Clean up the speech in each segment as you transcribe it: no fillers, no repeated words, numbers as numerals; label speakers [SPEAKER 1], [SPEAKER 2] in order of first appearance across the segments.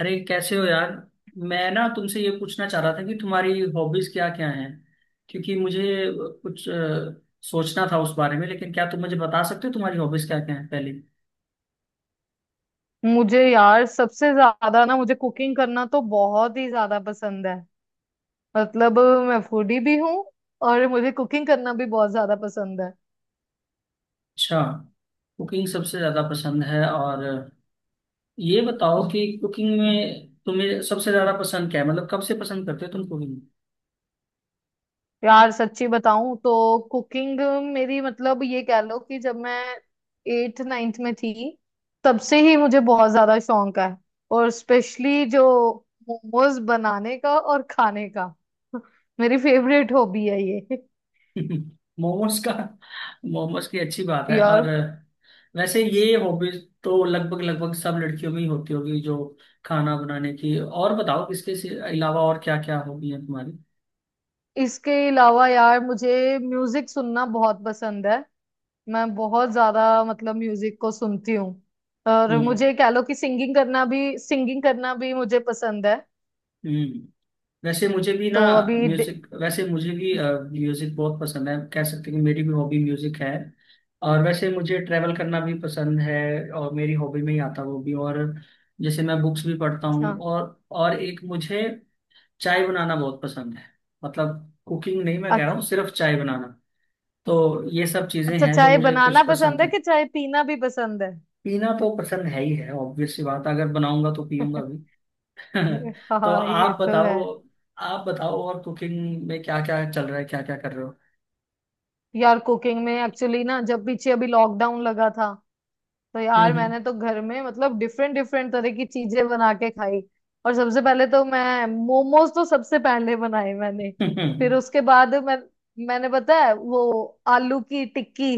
[SPEAKER 1] अरे कैसे हो यार। मैं ना तुमसे ये पूछना चाह रहा था कि तुम्हारी हॉबीज क्या क्या हैं, क्योंकि मुझे कुछ सोचना था उस बारे में। लेकिन क्या तुम मुझे बता सकते हो तुम्हारी हॉबीज क्या क्या हैं पहले।
[SPEAKER 2] मुझे यार सबसे ज्यादा ना मुझे कुकिंग करना तो बहुत ही ज्यादा पसंद है। मतलब, मैं फूडी भी हूँ, और मुझे कुकिंग करना भी बहुत ज्यादा पसंद है।
[SPEAKER 1] अच्छा, कुकिंग सबसे ज्यादा पसंद है। और ये बताओ कि कुकिंग में तुम्हें सबसे ज्यादा पसंद क्या है, मतलब कब से पसंद करते हो तुम कुकिंग।
[SPEAKER 2] यार सच्ची बताऊं तो कुकिंग मेरी, मतलब, ये कह लो कि जब मैं एट नाइन्थ में थी, तब से ही मुझे बहुत ज्यादा शौक है, और स्पेशली जो मोमोज बनाने का और खाने का मेरी फेवरेट हॉबी है ये।
[SPEAKER 1] मोमोज का, मोमोज की अच्छी बात है। और
[SPEAKER 2] यार,
[SPEAKER 1] वैसे ये हॉबीज तो लगभग लगभग सब लड़कियों में ही होती होगी जो खाना बनाने की। और बताओ अलावा और क्या क्या हॉबी है तुम्हारी।
[SPEAKER 2] इसके अलावा, यार, मुझे म्यूजिक सुनना बहुत पसंद है। मैं बहुत ज्यादा, मतलब, म्यूजिक को सुनती हूँ, और
[SPEAKER 1] हम्म।
[SPEAKER 2] मुझे कह लो कि सिंगिंग करना भी मुझे पसंद है।
[SPEAKER 1] हम्म। वैसे मुझे भी ना
[SPEAKER 2] तो अभी
[SPEAKER 1] म्यूजिक, वैसे मुझे भी म्यूजिक बहुत पसंद है। कह सकते हैं कि मेरी भी हॉबी म्यूजिक है। और वैसे मुझे ट्रैवल करना भी पसंद है, और मेरी हॉबी में ही आता है वो भी। और जैसे मैं बुक्स भी पढ़ता हूँ,
[SPEAKER 2] हाँ।
[SPEAKER 1] और एक मुझे चाय बनाना बहुत पसंद है। मतलब कुकिंग नहीं, मैं कह रहा
[SPEAKER 2] अच-
[SPEAKER 1] हूँ सिर्फ चाय बनाना। तो ये सब चीजें
[SPEAKER 2] अच्छा,
[SPEAKER 1] हैं जो
[SPEAKER 2] चाय
[SPEAKER 1] मुझे
[SPEAKER 2] बनाना
[SPEAKER 1] कुछ
[SPEAKER 2] पसंद
[SPEAKER 1] पसंद
[SPEAKER 2] है
[SPEAKER 1] है।
[SPEAKER 2] कि चाय पीना भी पसंद है?
[SPEAKER 1] पीना तो पसंद है ही है, ऑब्वियस सी बात है, अगर बनाऊंगा तो पीऊंगा भी। तो
[SPEAKER 2] हाँ, ये
[SPEAKER 1] आप
[SPEAKER 2] तो है।
[SPEAKER 1] बताओ, आप बताओ और कुकिंग में क्या क्या चल रहा है, क्या क्या कर रहे हो।
[SPEAKER 2] यार, कुकिंग में एक्चुअली ना, जब पीछे अभी लॉकडाउन लगा था, तो यार
[SPEAKER 1] हम्म।
[SPEAKER 2] मैंने तो घर में, मतलब, डिफरेंट डिफरेंट तरह की चीजें बना के खाई। और सबसे पहले तो मैं मोमोज तो सबसे पहले बनाए मैंने। फिर
[SPEAKER 1] हम्म।
[SPEAKER 2] उसके बाद मैंने पता है वो, आलू की टिक्की,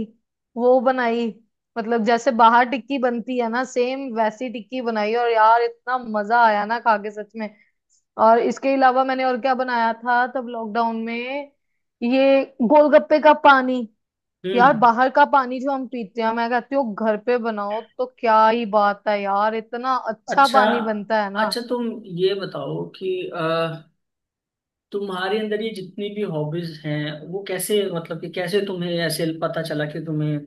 [SPEAKER 2] वो बनाई। मतलब, जैसे बाहर टिक्की बनती है ना, सेम वैसी टिक्की बनाई, और यार इतना मजा आया ना खा के, सच में। और इसके अलावा मैंने और क्या बनाया था तब लॉकडाउन में? ये गोलगप्पे का पानी।
[SPEAKER 1] हम्म,
[SPEAKER 2] यार
[SPEAKER 1] हम्म।
[SPEAKER 2] बाहर का पानी जो हम पीते हैं, मैं कहती हूँ घर पे बनाओ तो क्या ही बात है। यार इतना अच्छा
[SPEAKER 1] अच्छा।
[SPEAKER 2] पानी बनता है ना।
[SPEAKER 1] अच्छा तुम ये बताओ कि अ, तुम्हारे अंदर ये जितनी भी हॉबीज हैं वो कैसे, मतलब कि कैसे तुम्हें ऐसे पता चला कि तुम्हें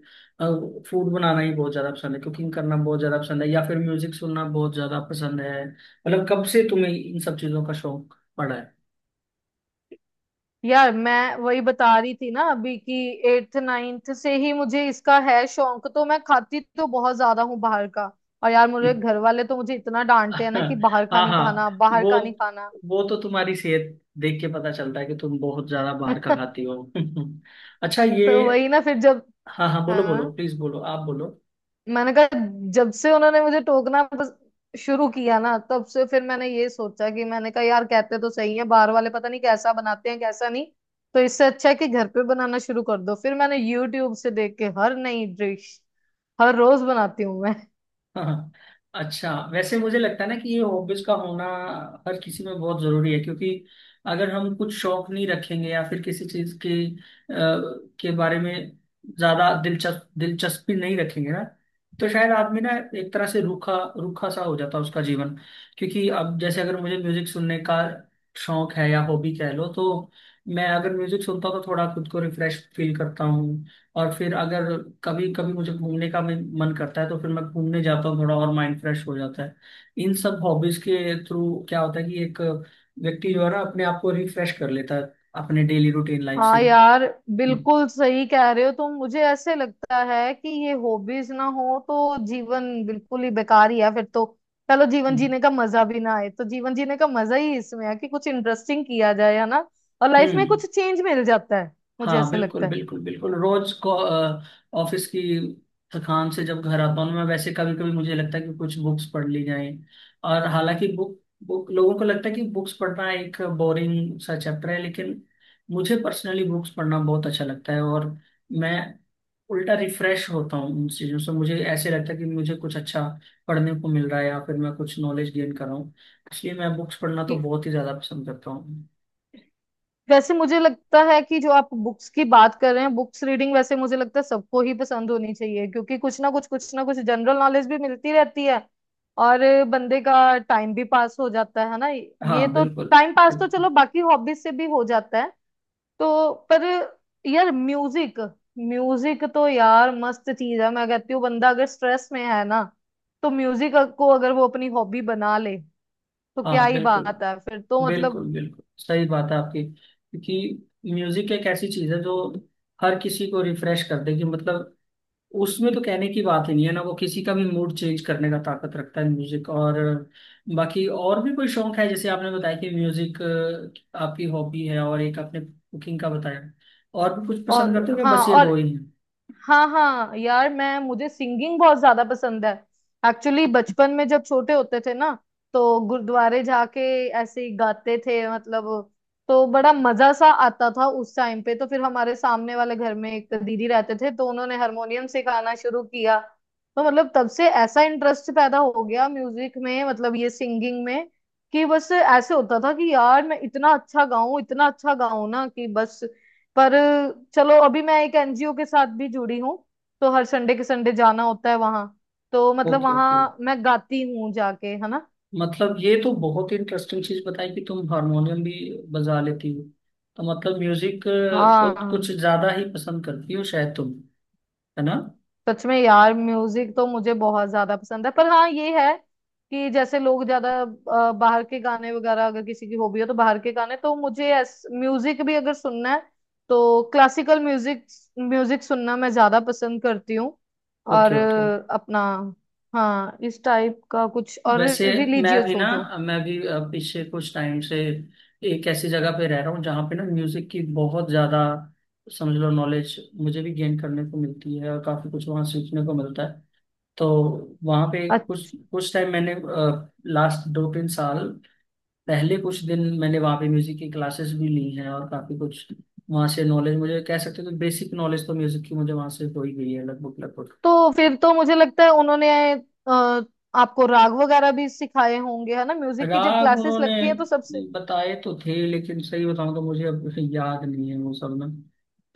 [SPEAKER 1] फूड बनाना ही बहुत ज्यादा पसंद है, कुकिंग करना बहुत ज्यादा पसंद है, या फिर म्यूजिक सुनना बहुत ज्यादा पसंद है। मतलब कब से तुम्हें इन सब चीजों का शौक पड़ा है।
[SPEAKER 2] यार मैं वही बता रही थी ना अभी, कि एट्थ नाइन्थ से ही मुझे इसका है शौक। तो मैं खाती तो बहुत ज्यादा हूँ बाहर का, और यार मेरे घर वाले तो मुझे इतना डांटते हैं ना कि बाहर का
[SPEAKER 1] हाँ
[SPEAKER 2] नहीं
[SPEAKER 1] हाँ।
[SPEAKER 2] खाना, बाहर
[SPEAKER 1] वो
[SPEAKER 2] का नहीं खाना।
[SPEAKER 1] वो तो तुम्हारी सेहत देख के पता चलता है कि तुम बहुत ज्यादा बाहर का खाती हो। अच्छा, ये
[SPEAKER 2] तो वही ना, फिर जब,
[SPEAKER 1] हाँ हाँ बोलो बोलो,
[SPEAKER 2] हाँ,
[SPEAKER 1] प्लीज बोलो, आप बोलो।
[SPEAKER 2] मैंने कहा, जब से उन्होंने मुझे टोकना बस शुरू किया ना, तब से फिर मैंने ये सोचा कि, मैंने कहा, यार कहते तो सही है बाहर वाले, पता नहीं कैसा बनाते हैं कैसा नहीं। तो इससे अच्छा है कि घर पे बनाना शुरू कर दो। फिर मैंने यूट्यूब से देख के हर नई डिश हर रोज बनाती हूँ मैं।
[SPEAKER 1] हाँ। अच्छा वैसे मुझे लगता है ना कि ये हॉबीज का होना हर किसी में बहुत जरूरी है। क्योंकि अगर हम कुछ शौक नहीं रखेंगे या फिर किसी चीज के के बारे में ज्यादा दिलचस्पी नहीं रखेंगे ना, तो शायद आदमी ना एक तरह से रूखा रूखा सा हो जाता है, उसका जीवन। क्योंकि अब जैसे अगर मुझे म्यूजिक सुनने का शौक है या हॉबी कह लो, तो मैं अगर म्यूजिक सुनता हूँ तो थोड़ा खुद को रिफ्रेश फील करता हूँ। और फिर अगर कभी कभी मुझे घूमने का भी मन करता है तो फिर मैं घूमने जाता हूँ, थोड़ा और माइंड फ्रेश हो जाता है। इन सब हॉबीज के थ्रू क्या होता है कि एक व्यक्ति जो है ना अपने आप को रिफ्रेश कर लेता है अपने डेली रूटीन लाइफ से।
[SPEAKER 2] हाँ यार,
[SPEAKER 1] हम्म।
[SPEAKER 2] बिल्कुल सही कह रहे हो तुम। मुझे ऐसे लगता है कि ये हॉबीज ना हो तो जीवन बिल्कुल ही बेकार ही है फिर तो। चलो जीवन
[SPEAKER 1] हम्म।
[SPEAKER 2] जीने का मजा भी ना आए, तो जीवन जीने का मजा ही इसमें है कि कुछ इंटरेस्टिंग किया जाए, है ना। और लाइफ में
[SPEAKER 1] हम्म।
[SPEAKER 2] कुछ चेंज मिल जाता है। मुझे
[SPEAKER 1] हाँ
[SPEAKER 2] ऐसे
[SPEAKER 1] बिल्कुल
[SPEAKER 2] लगता है।
[SPEAKER 1] बिल्कुल बिल्कुल, रोज को ऑफिस की थकान से जब घर आता हूँ मैं, वैसे कभी कभी मुझे लगता है कि कुछ बुक्स पढ़ ली जाएं। और हालांकि बुक बुक लोगों को लगता है कि बुक्स पढ़ना एक बोरिंग सा चैप्टर है, लेकिन मुझे पर्सनली बुक्स पढ़ना बहुत अच्छा लगता है। और मैं उल्टा रिफ्रेश होता हूँ उन चीज़ों से। मुझे ऐसे लगता है कि मुझे कुछ अच्छा पढ़ने को मिल रहा है या फिर मैं कुछ नॉलेज गेन कर रहा हूँ। इसलिए मैं बुक्स पढ़ना तो बहुत ही ज़्यादा पसंद करता हूँ।
[SPEAKER 2] वैसे मुझे लगता है कि जो आप बुक्स की बात कर रहे हैं, बुक्स रीडिंग, वैसे मुझे लगता है सबको ही पसंद होनी चाहिए, क्योंकि कुछ ना कुछ जनरल नॉलेज भी मिलती रहती है। और बंदे का टाइम भी पास हो जाता है ना
[SPEAKER 1] हाँ
[SPEAKER 2] ये तो।
[SPEAKER 1] बिल्कुल।
[SPEAKER 2] टाइम पास तो
[SPEAKER 1] बिल्कुल।
[SPEAKER 2] चलो बाकी हॉबीज से भी हो जाता है, तो पर, यार, म्यूजिक म्यूजिक तो यार मस्त चीज है। मैं कहती हूँ बंदा अगर स्ट्रेस में है ना, तो म्यूजिक को अगर वो अपनी हॉबी बना ले, तो क्या
[SPEAKER 1] हाँ
[SPEAKER 2] ही
[SPEAKER 1] बिल्कुल
[SPEAKER 2] बात है फिर तो,
[SPEAKER 1] बिल्कुल,
[SPEAKER 2] मतलब।
[SPEAKER 1] बिल्कुल सही बात है आपकी। क्योंकि म्यूजिक एक ऐसी चीज है जो हर किसी को रिफ्रेश कर देगी, मतलब उसमें तो कहने की बात ही नहीं है ना। वो किसी का भी मूड चेंज करने का ताकत रखता है म्यूजिक। और बाकी और भी कोई शौक है जैसे आपने बताया कि म्यूजिक आपकी हॉबी है और एक आपने कुकिंग का बताया। और भी कुछ पसंद
[SPEAKER 2] और
[SPEAKER 1] करते हो क्या,
[SPEAKER 2] हाँ,
[SPEAKER 1] बस ये
[SPEAKER 2] और
[SPEAKER 1] दो ही हैं?
[SPEAKER 2] हाँ हाँ यार, मैं मुझे सिंगिंग बहुत ज्यादा पसंद है। एक्चुअली बचपन में, जब छोटे होते थे ना, तो गुरुद्वारे जाके ऐसे ही गाते थे, मतलब। तो बड़ा मजा सा आता था उस टाइम पे। तो फिर हमारे सामने वाले घर में एक दीदी रहते थे, तो उन्होंने हारमोनियम सिखाना शुरू किया। तो मतलब तब से ऐसा इंटरेस्ट पैदा हो गया म्यूजिक में, मतलब ये सिंगिंग में, कि बस ऐसे होता था कि यार मैं इतना अच्छा गाऊं, इतना अच्छा गाऊं ना, कि बस। पर चलो अभी मैं एक एनजीओ के साथ भी जुड़ी हूँ, तो हर संडे के संडे जाना होता है वहां। तो मतलब
[SPEAKER 1] ओके ओके।
[SPEAKER 2] वहां मैं गाती हूँ जाके, है ना।
[SPEAKER 1] मतलब ये तो बहुत ही इंटरेस्टिंग चीज बताई कि तुम हारमोनियम भी बजा लेती हो। तो मतलब म्यूजिक को कुछ
[SPEAKER 2] हाँ,
[SPEAKER 1] ज्यादा ही पसंद करती हो शायद तुम, है ना?
[SPEAKER 2] सच में यार, म्यूजिक तो मुझे बहुत ज्यादा पसंद है, पर हाँ ये है, कि जैसे लोग ज्यादा बाहर के गाने वगैरह, अगर किसी की हॉबी हो तो, बाहर के गाने तो मुझे, म्यूजिक भी अगर सुनना है, तो क्लासिकल म्यूजिक म्यूजिक सुनना मैं ज्यादा पसंद करती हूँ। और
[SPEAKER 1] ओके ओके।
[SPEAKER 2] अपना, हाँ, इस टाइप का कुछ और
[SPEAKER 1] वैसे मैं
[SPEAKER 2] रिलीजियस
[SPEAKER 1] भी ना,
[SPEAKER 2] हो जो।
[SPEAKER 1] मैं भी पिछले कुछ टाइम से एक ऐसी जगह पे रह रहा हूँ जहाँ पे ना म्यूजिक की बहुत ज्यादा, समझ लो, नॉलेज मुझे भी गेन करने को मिलती है और काफी कुछ वहाँ सीखने को मिलता है। तो वहाँ पे कुछ
[SPEAKER 2] अच्छ-
[SPEAKER 1] कुछ टाइम मैंने, लास्ट दो तीन साल पहले कुछ दिन मैंने वहाँ पे म्यूजिक की क्लासेस भी ली हैं, और काफी कुछ वहाँ से नॉलेज मुझे, कह सकते हो तो बेसिक नॉलेज तो म्यूजिक की मुझे वहाँ से हो ही गई है लगभग लगभग।
[SPEAKER 2] तो फिर तो मुझे लगता है उन्होंने, आपको राग वगैरह भी सिखाए होंगे, है ना, म्यूजिक की जब
[SPEAKER 1] राग
[SPEAKER 2] क्लासेस
[SPEAKER 1] उन्होंने
[SPEAKER 2] लगती है तो सबसे।
[SPEAKER 1] बताए तो थे, लेकिन सही बताऊं तो मुझे अब याद नहीं है वो सब ना।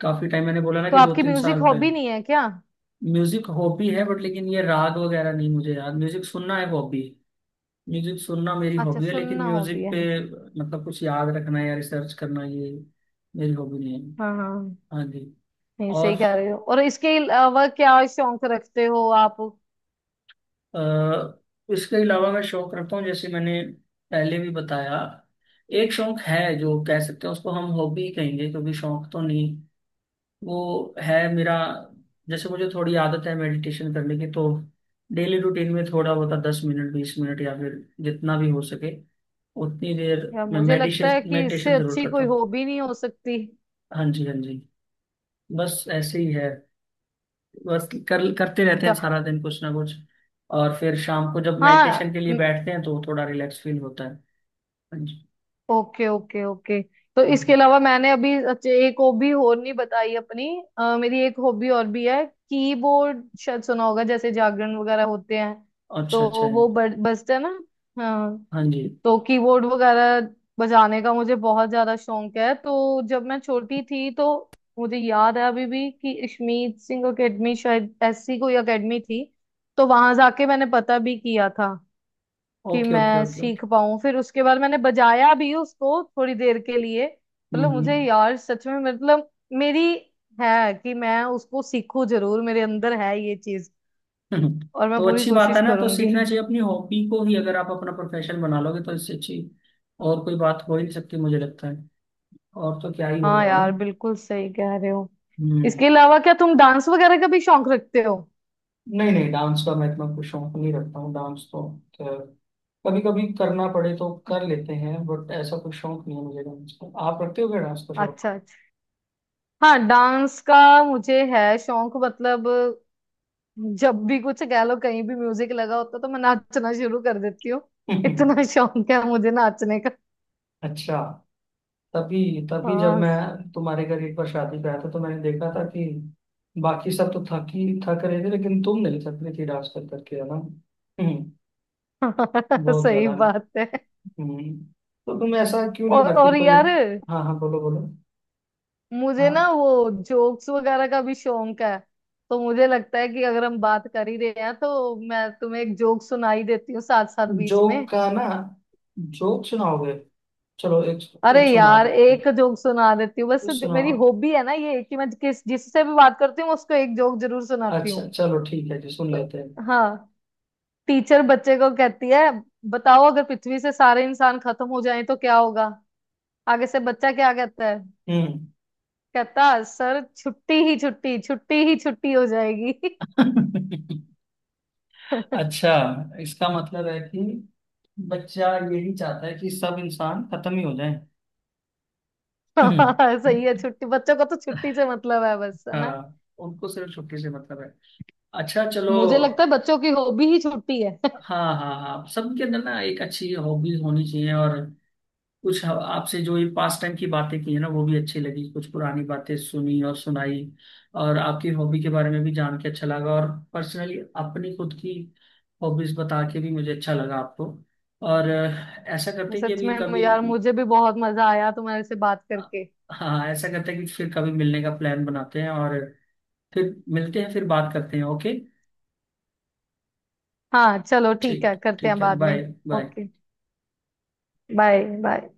[SPEAKER 1] काफी टाइम, मैंने बोला ना,
[SPEAKER 2] तो
[SPEAKER 1] कि दो
[SPEAKER 2] आपकी
[SPEAKER 1] तीन साल
[SPEAKER 2] म्यूजिक हॉबी
[SPEAKER 1] पहले।
[SPEAKER 2] नहीं है क्या?
[SPEAKER 1] म्यूजिक हॉबी है बट, लेकिन ये राग वगैरह नहीं मुझे याद। म्यूजिक सुनना है हॉबी, म्यूजिक सुनना मेरी
[SPEAKER 2] अच्छा,
[SPEAKER 1] हॉबी है, लेकिन
[SPEAKER 2] सुनना हॉबी
[SPEAKER 1] म्यूजिक
[SPEAKER 2] है।
[SPEAKER 1] पे मतलब कुछ याद रखना या रिसर्च करना ये मेरी हॉबी नहीं है।
[SPEAKER 2] हाँ हाँ,
[SPEAKER 1] हाँ जी।
[SPEAKER 2] नहीं,
[SPEAKER 1] और
[SPEAKER 2] सही कह रहे हो। और इसके अलावा क्या शौक रखते हो आप?
[SPEAKER 1] अ, इसके अलावा मैं शौक रखता हूँ, जैसे मैंने पहले भी बताया, एक शौक है जो कह सकते हैं उसको हम हॉबी कहेंगे क्योंकि शौक तो नहीं वो है मेरा। जैसे मुझे थोड़ी आदत है मेडिटेशन करने की। तो डेली रूटीन में थोड़ा बहुत दस मिनट बीस मिनट, या फिर जितना भी हो सके उतनी देर,
[SPEAKER 2] यार
[SPEAKER 1] मैं
[SPEAKER 2] मुझे लगता
[SPEAKER 1] मेडिटेशन
[SPEAKER 2] है कि इससे
[SPEAKER 1] मेडिटेशन जरूर
[SPEAKER 2] अच्छी
[SPEAKER 1] करता
[SPEAKER 2] कोई
[SPEAKER 1] हूँ।
[SPEAKER 2] हॉबी नहीं हो सकती।
[SPEAKER 1] हाँ जी हाँ जी। बस ऐसे ही है, बस कर करते रहते हैं
[SPEAKER 2] अच्छा।
[SPEAKER 1] सारा दिन कुछ ना कुछ। और फिर शाम को जब मेडिटेशन
[SPEAKER 2] हाँ।
[SPEAKER 1] के लिए बैठते हैं तो थोड़ा रिलैक्स फील होता है। ਹਾਂਜੀ।
[SPEAKER 2] Okay okay okay. तो इसके
[SPEAKER 1] ਹਾਂਜੀ।
[SPEAKER 2] अलावा मैंने अभी, अच्छा, एक हॉबी और नहीं बताई अपनी। मेरी एक हॉबी और भी है। कीबोर्ड शायद सुना होगा, जैसे जागरण वगैरह होते हैं
[SPEAKER 1] अच्छा। अच्छा
[SPEAKER 2] तो,
[SPEAKER 1] है।
[SPEAKER 2] वो बजता है ना। हाँ।
[SPEAKER 1] हाँ जी।
[SPEAKER 2] तो कीबोर्ड वगैरह बजाने का मुझे बहुत ज्यादा शौक है। तो जब मैं छोटी थी, तो मुझे याद है अभी भी, कि अश्मीत सिंह एकेडमी, शायद ऐसी कोई एकेडमी थी, तो वहां जाके मैंने पता भी किया था कि
[SPEAKER 1] ओके ओके
[SPEAKER 2] मैं
[SPEAKER 1] ओके ओके।
[SPEAKER 2] सीख पाऊं। फिर उसके बाद मैंने बजाया भी उसको थोड़ी देर के लिए, मतलब, मुझे
[SPEAKER 1] हम्म।
[SPEAKER 2] यार सच में मतलब मेरी, है कि मैं उसको सीखूं जरूर, मेरे अंदर है ये चीज,
[SPEAKER 1] हम्म।
[SPEAKER 2] और मैं
[SPEAKER 1] तो
[SPEAKER 2] पूरी
[SPEAKER 1] अच्छी बात है
[SPEAKER 2] कोशिश
[SPEAKER 1] ना, तो
[SPEAKER 2] करूंगी।
[SPEAKER 1] सीखना चाहिए। अपनी हॉबी को ही अगर आप अपना प्रोफेशन बना लोगे तो इससे अच्छी और कोई बात हो ही नहीं सकती मुझे लगता है। और तो क्या ही हो
[SPEAKER 2] हाँ
[SPEAKER 1] गया ना।
[SPEAKER 2] यार बिल्कुल सही कह रहे हो।
[SPEAKER 1] हम्म।
[SPEAKER 2] इसके अलावा क्या तुम डांस वगैरह का भी शौक रखते हो?
[SPEAKER 1] नहीं नहीं, डांस का मैं इतना कुछ शौक नहीं रखता हूँ। डांस तो कभी कभी करना पड़े तो कर लेते हैं, बट ऐसा कुछ शौक नहीं है मुझे डांस का। आप रखते हो क्या डांस का शौक?
[SPEAKER 2] अच्छा अच्छा। हाँ, डांस का मुझे है शौक, मतलब, जब भी कुछ कह लो कहीं भी म्यूजिक लगा होता, तो मैं नाचना शुरू कर देती हूँ। इतना शौक है मुझे नाचने का।
[SPEAKER 1] अच्छा। तभी, तभी जब
[SPEAKER 2] हाँ,
[SPEAKER 1] मैं तुम्हारे घर एक बार शादी पे आया था तो मैंने देखा था कि बाकी सब तो थक ही थक रहे थे लेकिन तुम नहीं थक रही थी डांस कर करके, है ना। बहुत
[SPEAKER 2] सही
[SPEAKER 1] ज्यादा।
[SPEAKER 2] बात है।
[SPEAKER 1] हम्म, तो तुम ऐसा क्यों नहीं
[SPEAKER 2] और
[SPEAKER 1] करती
[SPEAKER 2] और
[SPEAKER 1] कोई।
[SPEAKER 2] यार,
[SPEAKER 1] हाँ हाँ बोलो बोलो।
[SPEAKER 2] मुझे
[SPEAKER 1] हाँ,
[SPEAKER 2] ना वो जोक्स वगैरह का भी शौक है, तो मुझे लगता है कि अगर हम बात कर ही रहे हैं, तो मैं तुम्हें एक जोक सुनाई देती हूँ, साथ साथ बीच में।
[SPEAKER 1] जोक का ना? जोक सुनाओगे? चलो, एक
[SPEAKER 2] अरे
[SPEAKER 1] एक सुना
[SPEAKER 2] यार
[SPEAKER 1] देते
[SPEAKER 2] एक जोक सुना देती हूँ
[SPEAKER 1] हैं।
[SPEAKER 2] बस, मेरी
[SPEAKER 1] सुनाओ।
[SPEAKER 2] हॉबी है ना ये, कि मैं किस जिससे भी बात करती हूँ, मैं उसको एक जोक जरूर सुनाती हूँ।
[SPEAKER 1] अच्छा चलो ठीक है जी, सुन
[SPEAKER 2] तो,
[SPEAKER 1] लेते हैं।
[SPEAKER 2] हाँ, टीचर बच्चे को कहती है, बताओ अगर पृथ्वी से सारे इंसान खत्म हो जाएं तो क्या होगा। आगे से बच्चा क्या कहता है?
[SPEAKER 1] हम्म।
[SPEAKER 2] कहता, सर छुट्टी ही छुट्टी, छुट्टी ही छुट्टी हो जाएगी।
[SPEAKER 1] अच्छा। इसका मतलब है कि बच्चा यही चाहता है कि सब इंसान खत्म ही हो जाए।
[SPEAKER 2] हाँ सही है, छुट्टी, बच्चों का तो छुट्टी से मतलब है बस, है ना।
[SPEAKER 1] हाँ, उनको सिर्फ छुट्टी से मतलब है। अच्छा चलो।
[SPEAKER 2] मुझे लगता है बच्चों की हॉबी ही छुट्टी है।
[SPEAKER 1] हाँ हाँ हाँ, सबके अंदर ना एक अच्छी हॉबीज होनी चाहिए। और कुछ आपसे जो ये पास टाइम की बातें की है ना वो भी अच्छी लगी, कुछ पुरानी बातें सुनी और सुनाई। और आपकी हॉबी के बारे में भी जान के अच्छा लगा, और पर्सनली अपनी खुद की हॉबीज बता के भी मुझे अच्छा लगा आपको। और ऐसा करते हैं कि
[SPEAKER 2] सच
[SPEAKER 1] अभी
[SPEAKER 2] में
[SPEAKER 1] कभी,
[SPEAKER 2] यार मुझे भी बहुत मजा आया तुम्हारे से बात करके।
[SPEAKER 1] हाँ ऐसा करते हैं कि फिर कभी मिलने का प्लान बनाते हैं और फिर मिलते हैं, फिर बात करते हैं, ओके?
[SPEAKER 2] हाँ चलो ठीक है,
[SPEAKER 1] ठीक
[SPEAKER 2] करते हैं
[SPEAKER 1] ठीक है,
[SPEAKER 2] बाद में।
[SPEAKER 1] Bye. Bye.
[SPEAKER 2] Okay. Bye bye.